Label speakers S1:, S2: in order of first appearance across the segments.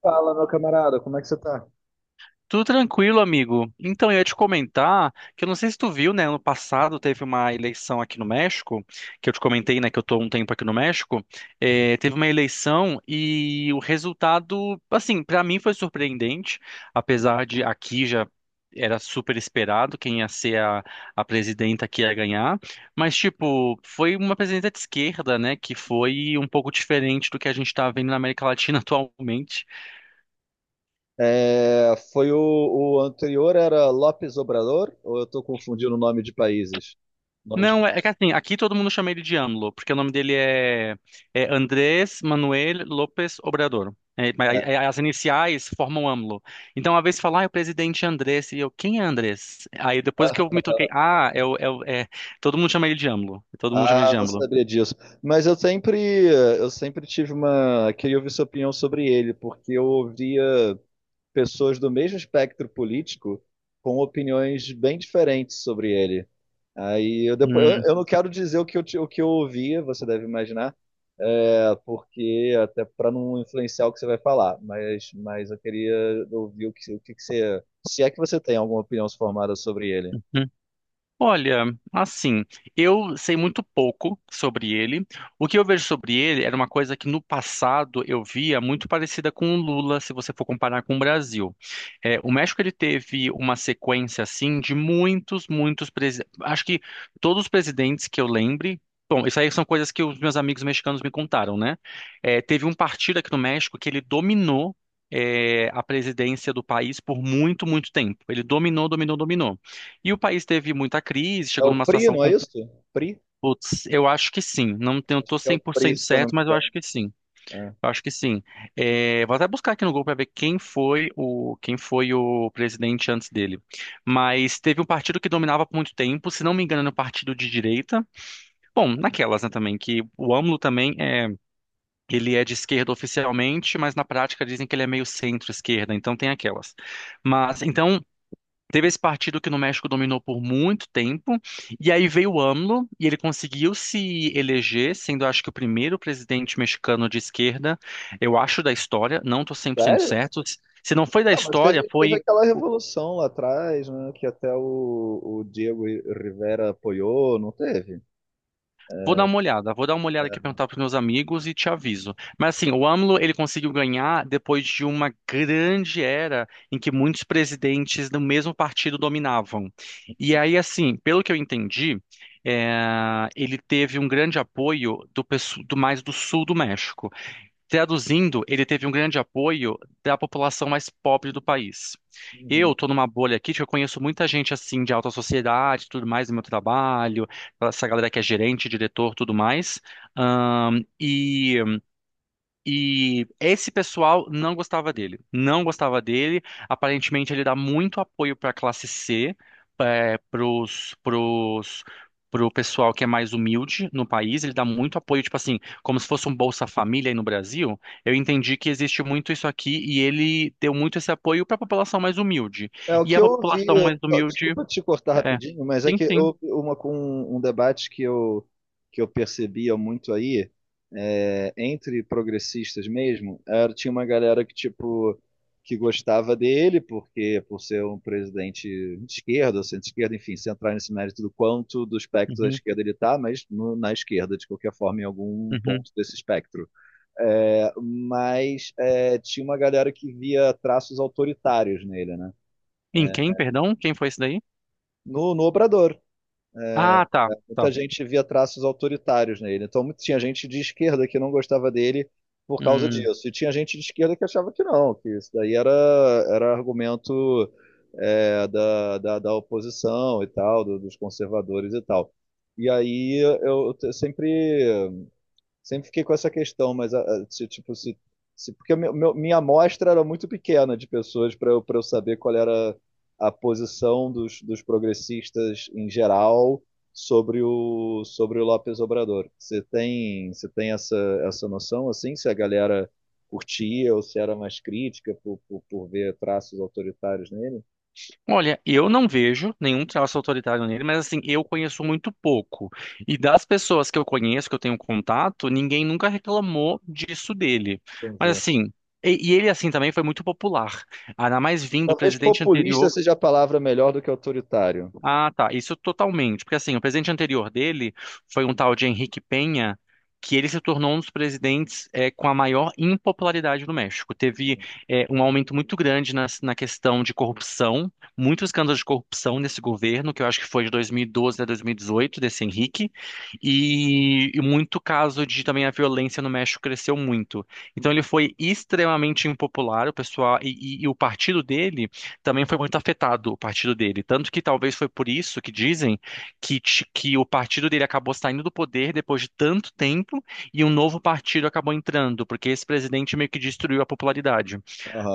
S1: Fala, meu camarada, como é que você tá?
S2: Tudo tranquilo, amigo. Então, eu ia te comentar que eu não sei se tu viu, né? Ano passado teve uma eleição aqui no México, que eu te comentei, né? Que eu tô há um tempo aqui no México. É, teve uma eleição e o resultado, assim, pra mim foi surpreendente, apesar de aqui já era super esperado quem ia ser a presidenta que ia ganhar. Mas, tipo, foi uma presidenta de esquerda, né? Que foi um pouco diferente do que a gente tá vendo na América Latina atualmente.
S1: É, foi o anterior era Lopes Obrador, ou eu tô confundindo o nome de países? Nome de...
S2: Não, é que assim, aqui todo mundo chama ele de AMLO, porque o nome dele é Andrés Manuel López Obrador. É, mas aí as iniciais formam AMLO. Então, uma vez fala, ah, é o presidente Andrés, e eu, quem é Andrés? Aí depois que eu me toquei, todo mundo chama ele de AMLO. Todo mundo chama ele
S1: Ah,
S2: de
S1: não
S2: AMLO.
S1: sabia disso. Mas eu sempre tive uma, queria ouvir sua opinião sobre ele, porque eu ouvia pessoas do mesmo espectro político com opiniões bem diferentes sobre ele. Aí eu depois eu,
S2: Hum.
S1: eu não quero dizer o que eu ouvia, você deve imaginar, porque até para não influenciar o que você vai falar, mas eu queria ouvir o que que você, se é que você tem alguma opinião formada sobre ele.
S2: Olha, assim, eu sei muito pouco sobre ele. O que eu vejo sobre ele era uma coisa que no passado eu via muito parecida com o Lula, se você for comparar com o Brasil. É, o México ele teve uma sequência assim de muitos, muitos presidentes. Acho que todos os presidentes que eu lembre. Bom, isso aí são coisas que os meus amigos mexicanos me contaram, né? É, teve um partido aqui no México que ele dominou é, a presidência do país por muito, muito tempo. Ele dominou, dominou, dominou. E o país teve muita crise,
S1: É
S2: chegou
S1: o
S2: numa
S1: Pri,
S2: situação
S1: não é
S2: complicada.
S1: isso? Pri?
S2: Putz, eu acho que sim. Não tenho,
S1: Acho
S2: tô
S1: que é o Pri,
S2: 100%
S1: se eu não
S2: certo,
S1: me
S2: mas eu acho
S1: engano.
S2: que sim.
S1: É.
S2: Eu acho que sim. É, vou até buscar aqui no Google para ver quem foi o presidente antes dele. Mas teve um partido que dominava por muito tempo, se não me engano, era um partido de direita. Bom, naquelas, né, também, que o AMLO também é, ele é de esquerda oficialmente, mas na prática dizem que ele é meio centro-esquerda, então tem aquelas. Mas então teve esse partido que no México dominou por muito tempo, e aí veio o AMLO, e ele conseguiu se eleger, sendo acho que o primeiro presidente mexicano de esquerda, eu acho, da história, não estou 100%
S1: Sério?
S2: certo. Se não foi da
S1: Não, mas
S2: história,
S1: teve
S2: foi.
S1: aquela revolução lá atrás, né, que até o Diego Rivera apoiou, não teve?
S2: Vou dar uma olhada, perguntar para meus amigos e te aviso. Mas assim, o AMLO ele conseguiu ganhar depois de uma grande era em que muitos presidentes do mesmo partido dominavam. E aí, assim, pelo que eu entendi, ele teve um grande apoio do, do mais do sul do México. Traduzindo, ele teve um grande apoio da população mais pobre do país.
S1: Uhum.
S2: Eu tô numa bolha aqui que eu conheço muita gente assim de alta sociedade, e tudo mais no meu trabalho, essa galera que é gerente, diretor, tudo mais. E esse pessoal não gostava dele. Não gostava dele. Aparentemente, ele dá muito apoio para a classe C, é, pro pessoal que é mais humilde no país. Ele dá muito apoio, tipo assim, como se fosse um Bolsa Família aí no Brasil. Eu entendi que existe muito isso aqui e ele deu muito esse apoio para a população mais humilde.
S1: É o
S2: E
S1: que
S2: a
S1: eu ouvi,
S2: população mais humilde
S1: desculpa te cortar
S2: é.
S1: rapidinho, mas é
S2: Sim,
S1: que
S2: sim.
S1: eu, uma com um debate que eu percebia muito aí, entre progressistas mesmo, tinha uma galera que, tipo, que gostava dele, porque por ser um presidente de esquerda, ou centro-esquerda, enfim, sem entrar nesse mérito do quanto do espectro da
S2: Uhum,
S1: esquerda ele está, mas no, na esquerda, de qualquer forma, em algum
S2: uhum.
S1: ponto desse espectro. É, mas tinha uma galera que via traços autoritários nele, né?
S2: Em quem, perdão? Quem foi esse daí?
S1: No Obrador.
S2: Ah, tá. Tá.
S1: Muita gente via traços autoritários nele. Então, tinha gente de esquerda que não gostava dele por causa
S2: Hum.
S1: disso. E tinha gente de esquerda que achava que não, que isso daí era argumento da oposição e tal, dos conservadores e tal. E aí eu sempre fiquei com essa questão, mas se, tipo, se, porque minha amostra era muito pequena de pessoas para eu saber qual era a posição dos progressistas em geral sobre o Lopes Obrador. Você tem essa noção, assim, se a galera curtia ou se era mais crítica por ver traços autoritários nele?
S2: Olha, eu não vejo nenhum traço autoritário nele, mas assim, eu conheço muito pouco. E das pessoas que eu conheço, que eu tenho contato, ninguém nunca reclamou disso dele. Mas
S1: Entendi.
S2: assim, ele assim também foi muito popular. Ainda mais vindo do
S1: Talvez
S2: presidente
S1: populista
S2: anterior.
S1: seja a palavra melhor do que autoritário.
S2: Ah, tá. Isso totalmente. Porque assim, o presidente anterior dele foi um tal de Henrique Penha, que ele se tornou um dos presidentes com a maior impopularidade no México. Teve
S1: Sim.
S2: um aumento muito grande questão de corrupção, muitos escândalos de corrupção nesse governo, que eu acho que foi de 2012 a 2018, desse Henrique, e muito caso de também a violência no México cresceu muito. Então ele foi extremamente impopular, o pessoal, e o partido dele também foi muito afetado o partido dele. Tanto que talvez foi por isso que dizem que, que o partido dele acabou saindo do poder depois de tanto tempo e um novo partido acabou entrando, porque esse presidente meio que destruiu a popularidade.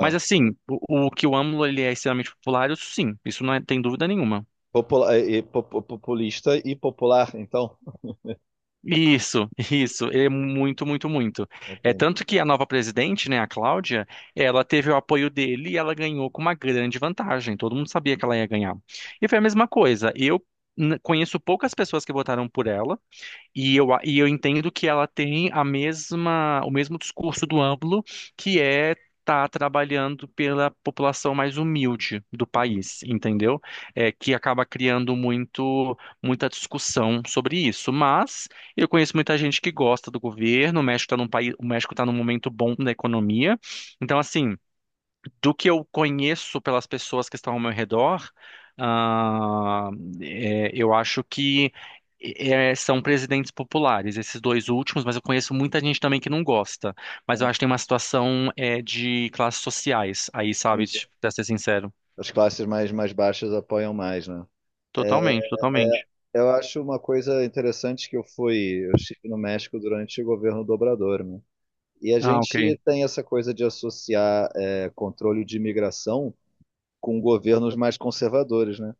S2: Mas assim, o que o AMLO ele é extremamente popular, isso sim, isso não é- tem dúvida nenhuma.
S1: Populista e popular, então.
S2: Isso, é muito, muito, muito. É
S1: Entendi.
S2: tanto que a nova presidente, né, a Cláudia, ela teve o apoio dele e ela ganhou com uma grande vantagem. Todo mundo sabia que ela ia ganhar. E foi a mesma coisa. Conheço poucas pessoas que votaram por ela, e eu entendo que ela tem a mesma, o mesmo discurso do AMLO, que é tá trabalhando pela população mais humilde do país, entendeu? É, que acaba criando muito, muita discussão sobre isso. Mas eu conheço muita gente que gosta do governo, o México está num momento bom da economia. Então, assim do que eu conheço pelas pessoas que estão ao meu redor, ah, é, eu acho que é, são presidentes populares, esses dois últimos, mas eu conheço muita gente também que não gosta. Mas eu acho que tem uma situação é, de classes sociais aí, sabe?
S1: Entendi.
S2: Tipo, pra ser sincero.
S1: As classes mais baixas apoiam mais, né?
S2: Totalmente, totalmente.
S1: É, eu acho uma coisa interessante que eu estive no México durante o governo do Obrador, né? E a
S2: Ah, ok.
S1: gente tem essa coisa de associar controle de imigração com governos mais conservadores, né?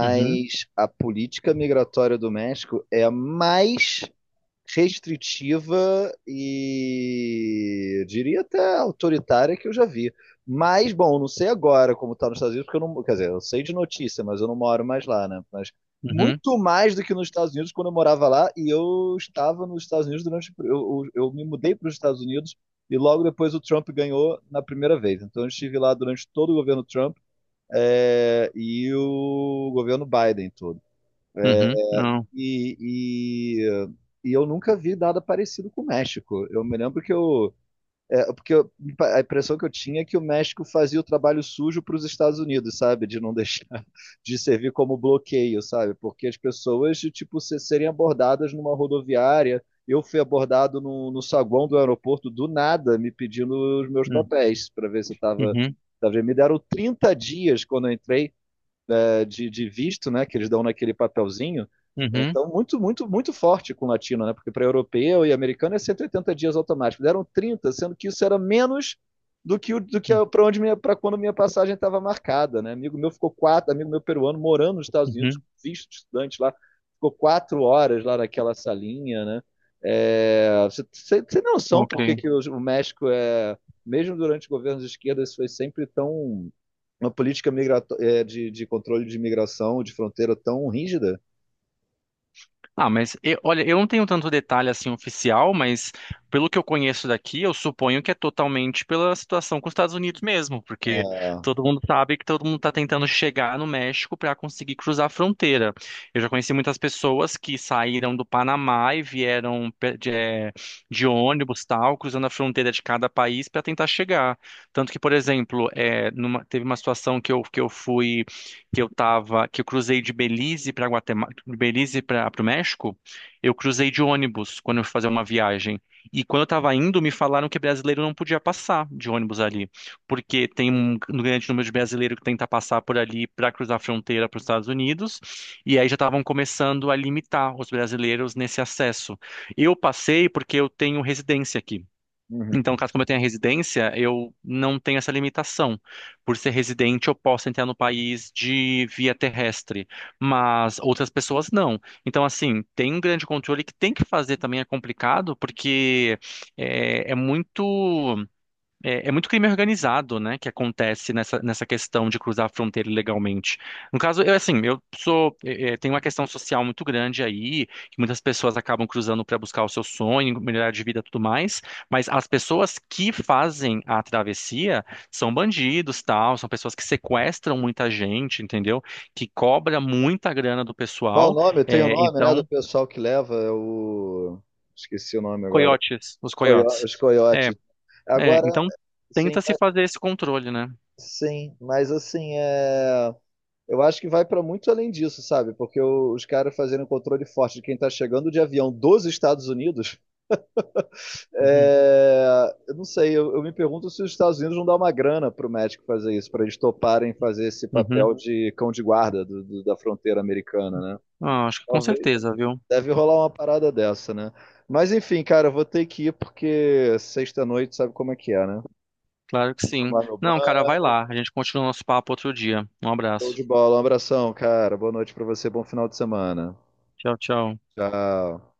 S2: Uhum,
S1: a política migratória do México é a mais restritiva e eu diria até autoritária que eu já vi. Mas, bom, não sei agora como está nos Estados Unidos, porque eu não, quer dizer, eu sei de notícia, mas eu não moro mais lá, né? Mas
S2: uhum,
S1: muito mais do que nos Estados Unidos quando eu morava lá e eu estava nos Estados Unidos. Eu me mudei para os Estados Unidos e logo depois o Trump ganhou na primeira vez. Então eu estive lá durante todo o governo Trump e o governo Biden todo.
S2: uhum, não.
S1: E, e, e eu nunca vi nada parecido com o México. Eu me lembro que eu. É, porque eu- a impressão que eu tinha é que o México fazia o trabalho sujo para os Estados Unidos, sabe? De não deixar, de servir como bloqueio, sabe? Porque as pessoas, tipo, serem abordadas numa rodoviária. Eu fui abordado no saguão do aeroporto do nada, me pedindo os meus
S2: Hum.
S1: papéis para ver se eu estava.
S2: Uhum,
S1: Me deram 30 dias quando eu entrei, de visto, né, que eles dão naquele papelzinho.
S2: uhum,
S1: Então, muito, muito, muito forte com o latino, né? Porque para europeu e americano é 180 dias automático. Deram 30, sendo que isso era menos do que, do que
S2: uhum,
S1: para quando minha passagem estava marcada, né? Amigo meu ficou 4, amigo meu peruano morando nos Estados Unidos,
S2: uhum,
S1: visto de estudante lá, ficou 4 horas lá naquela salinha, né? Você tem noção por que
S2: ok.
S1: que o México é, mesmo durante governos de esquerda, isso foi sempre tão uma política de controle de imigração de fronteira tão rígida?
S2: Ah, mas olha, eu não tenho tanto detalhe assim oficial, mas pelo que eu conheço daqui, eu suponho que é totalmente pela situação com os Estados Unidos mesmo, porque
S1: É,
S2: todo mundo sabe que todo mundo está tentando chegar no México para conseguir cruzar a fronteira. Eu já conheci muitas pessoas que saíram do Panamá e vieram de, de ônibus, tal, cruzando a fronteira de cada país para tentar chegar. Tanto que, por exemplo, teve uma situação que eu fui que eu cruzei de Belize para Guatemala, de Belize para o México, eu cruzei de ônibus quando eu fui fazer uma viagem. E quando eu estava indo, me falaram que brasileiro não podia passar de ônibus ali, porque tem um grande número de brasileiro que tenta passar por ali para cruzar a fronteira para os Estados Unidos, e aí já estavam começando a limitar os brasileiros nesse acesso. Eu passei porque eu tenho residência aqui.
S1: uhum.
S2: Então, caso como eu tenha residência, eu não tenho essa limitação. Por ser residente, eu posso entrar no país de via terrestre, mas outras pessoas não. Então, assim, tem um grande controle que tem que fazer também é complicado, porque é, é muito. É, é muito crime organizado, né, que acontece nessa questão de cruzar a fronteira ilegalmente. No caso, eu assim, eu sou, é, é, tem uma questão social muito grande aí, que muitas pessoas acabam cruzando para buscar o seu sonho, melhorar de vida, e tudo mais. Mas as pessoas que fazem a travessia são bandidos, tal, são pessoas que sequestram muita gente, entendeu? Que cobra muita grana do
S1: Qual o
S2: pessoal.
S1: nome? Tem o
S2: É,
S1: nome, né, do
S2: então,
S1: pessoal que leva é o... Esqueci o nome agora.
S2: coiotes, os
S1: Coio-
S2: coiotes.
S1: os
S2: É,
S1: coiotes.
S2: é,
S1: Agora,
S2: então
S1: sim,
S2: tenta se fazer esse controle, né?
S1: mas assim, eu acho que vai para muito além disso, sabe? Porque os caras fazendo controle forte de quem está chegando de avião dos Estados Unidos.
S2: Uhum.
S1: É, eu não sei, eu me pergunto se os Estados Unidos não dá uma grana para o México fazer isso, para eles toparem fazer esse
S2: Uhum.
S1: papel de cão de guarda da fronteira americana, né?
S2: Ah, acho que com
S1: Talvez,
S2: certeza, viu?
S1: deve rolar uma parada dessa, né? Mas enfim, cara, eu vou ter que ir porque sexta-noite sabe como é que é, né?
S2: Claro que sim.
S1: Tomar meu
S2: Não, cara, vai
S1: banho,
S2: lá. A gente continua o nosso papo outro dia. Um
S1: show
S2: abraço.
S1: de bola. Um abração, cara. Boa noite para você, bom final de semana.
S2: Tchau, tchau.
S1: Tchau.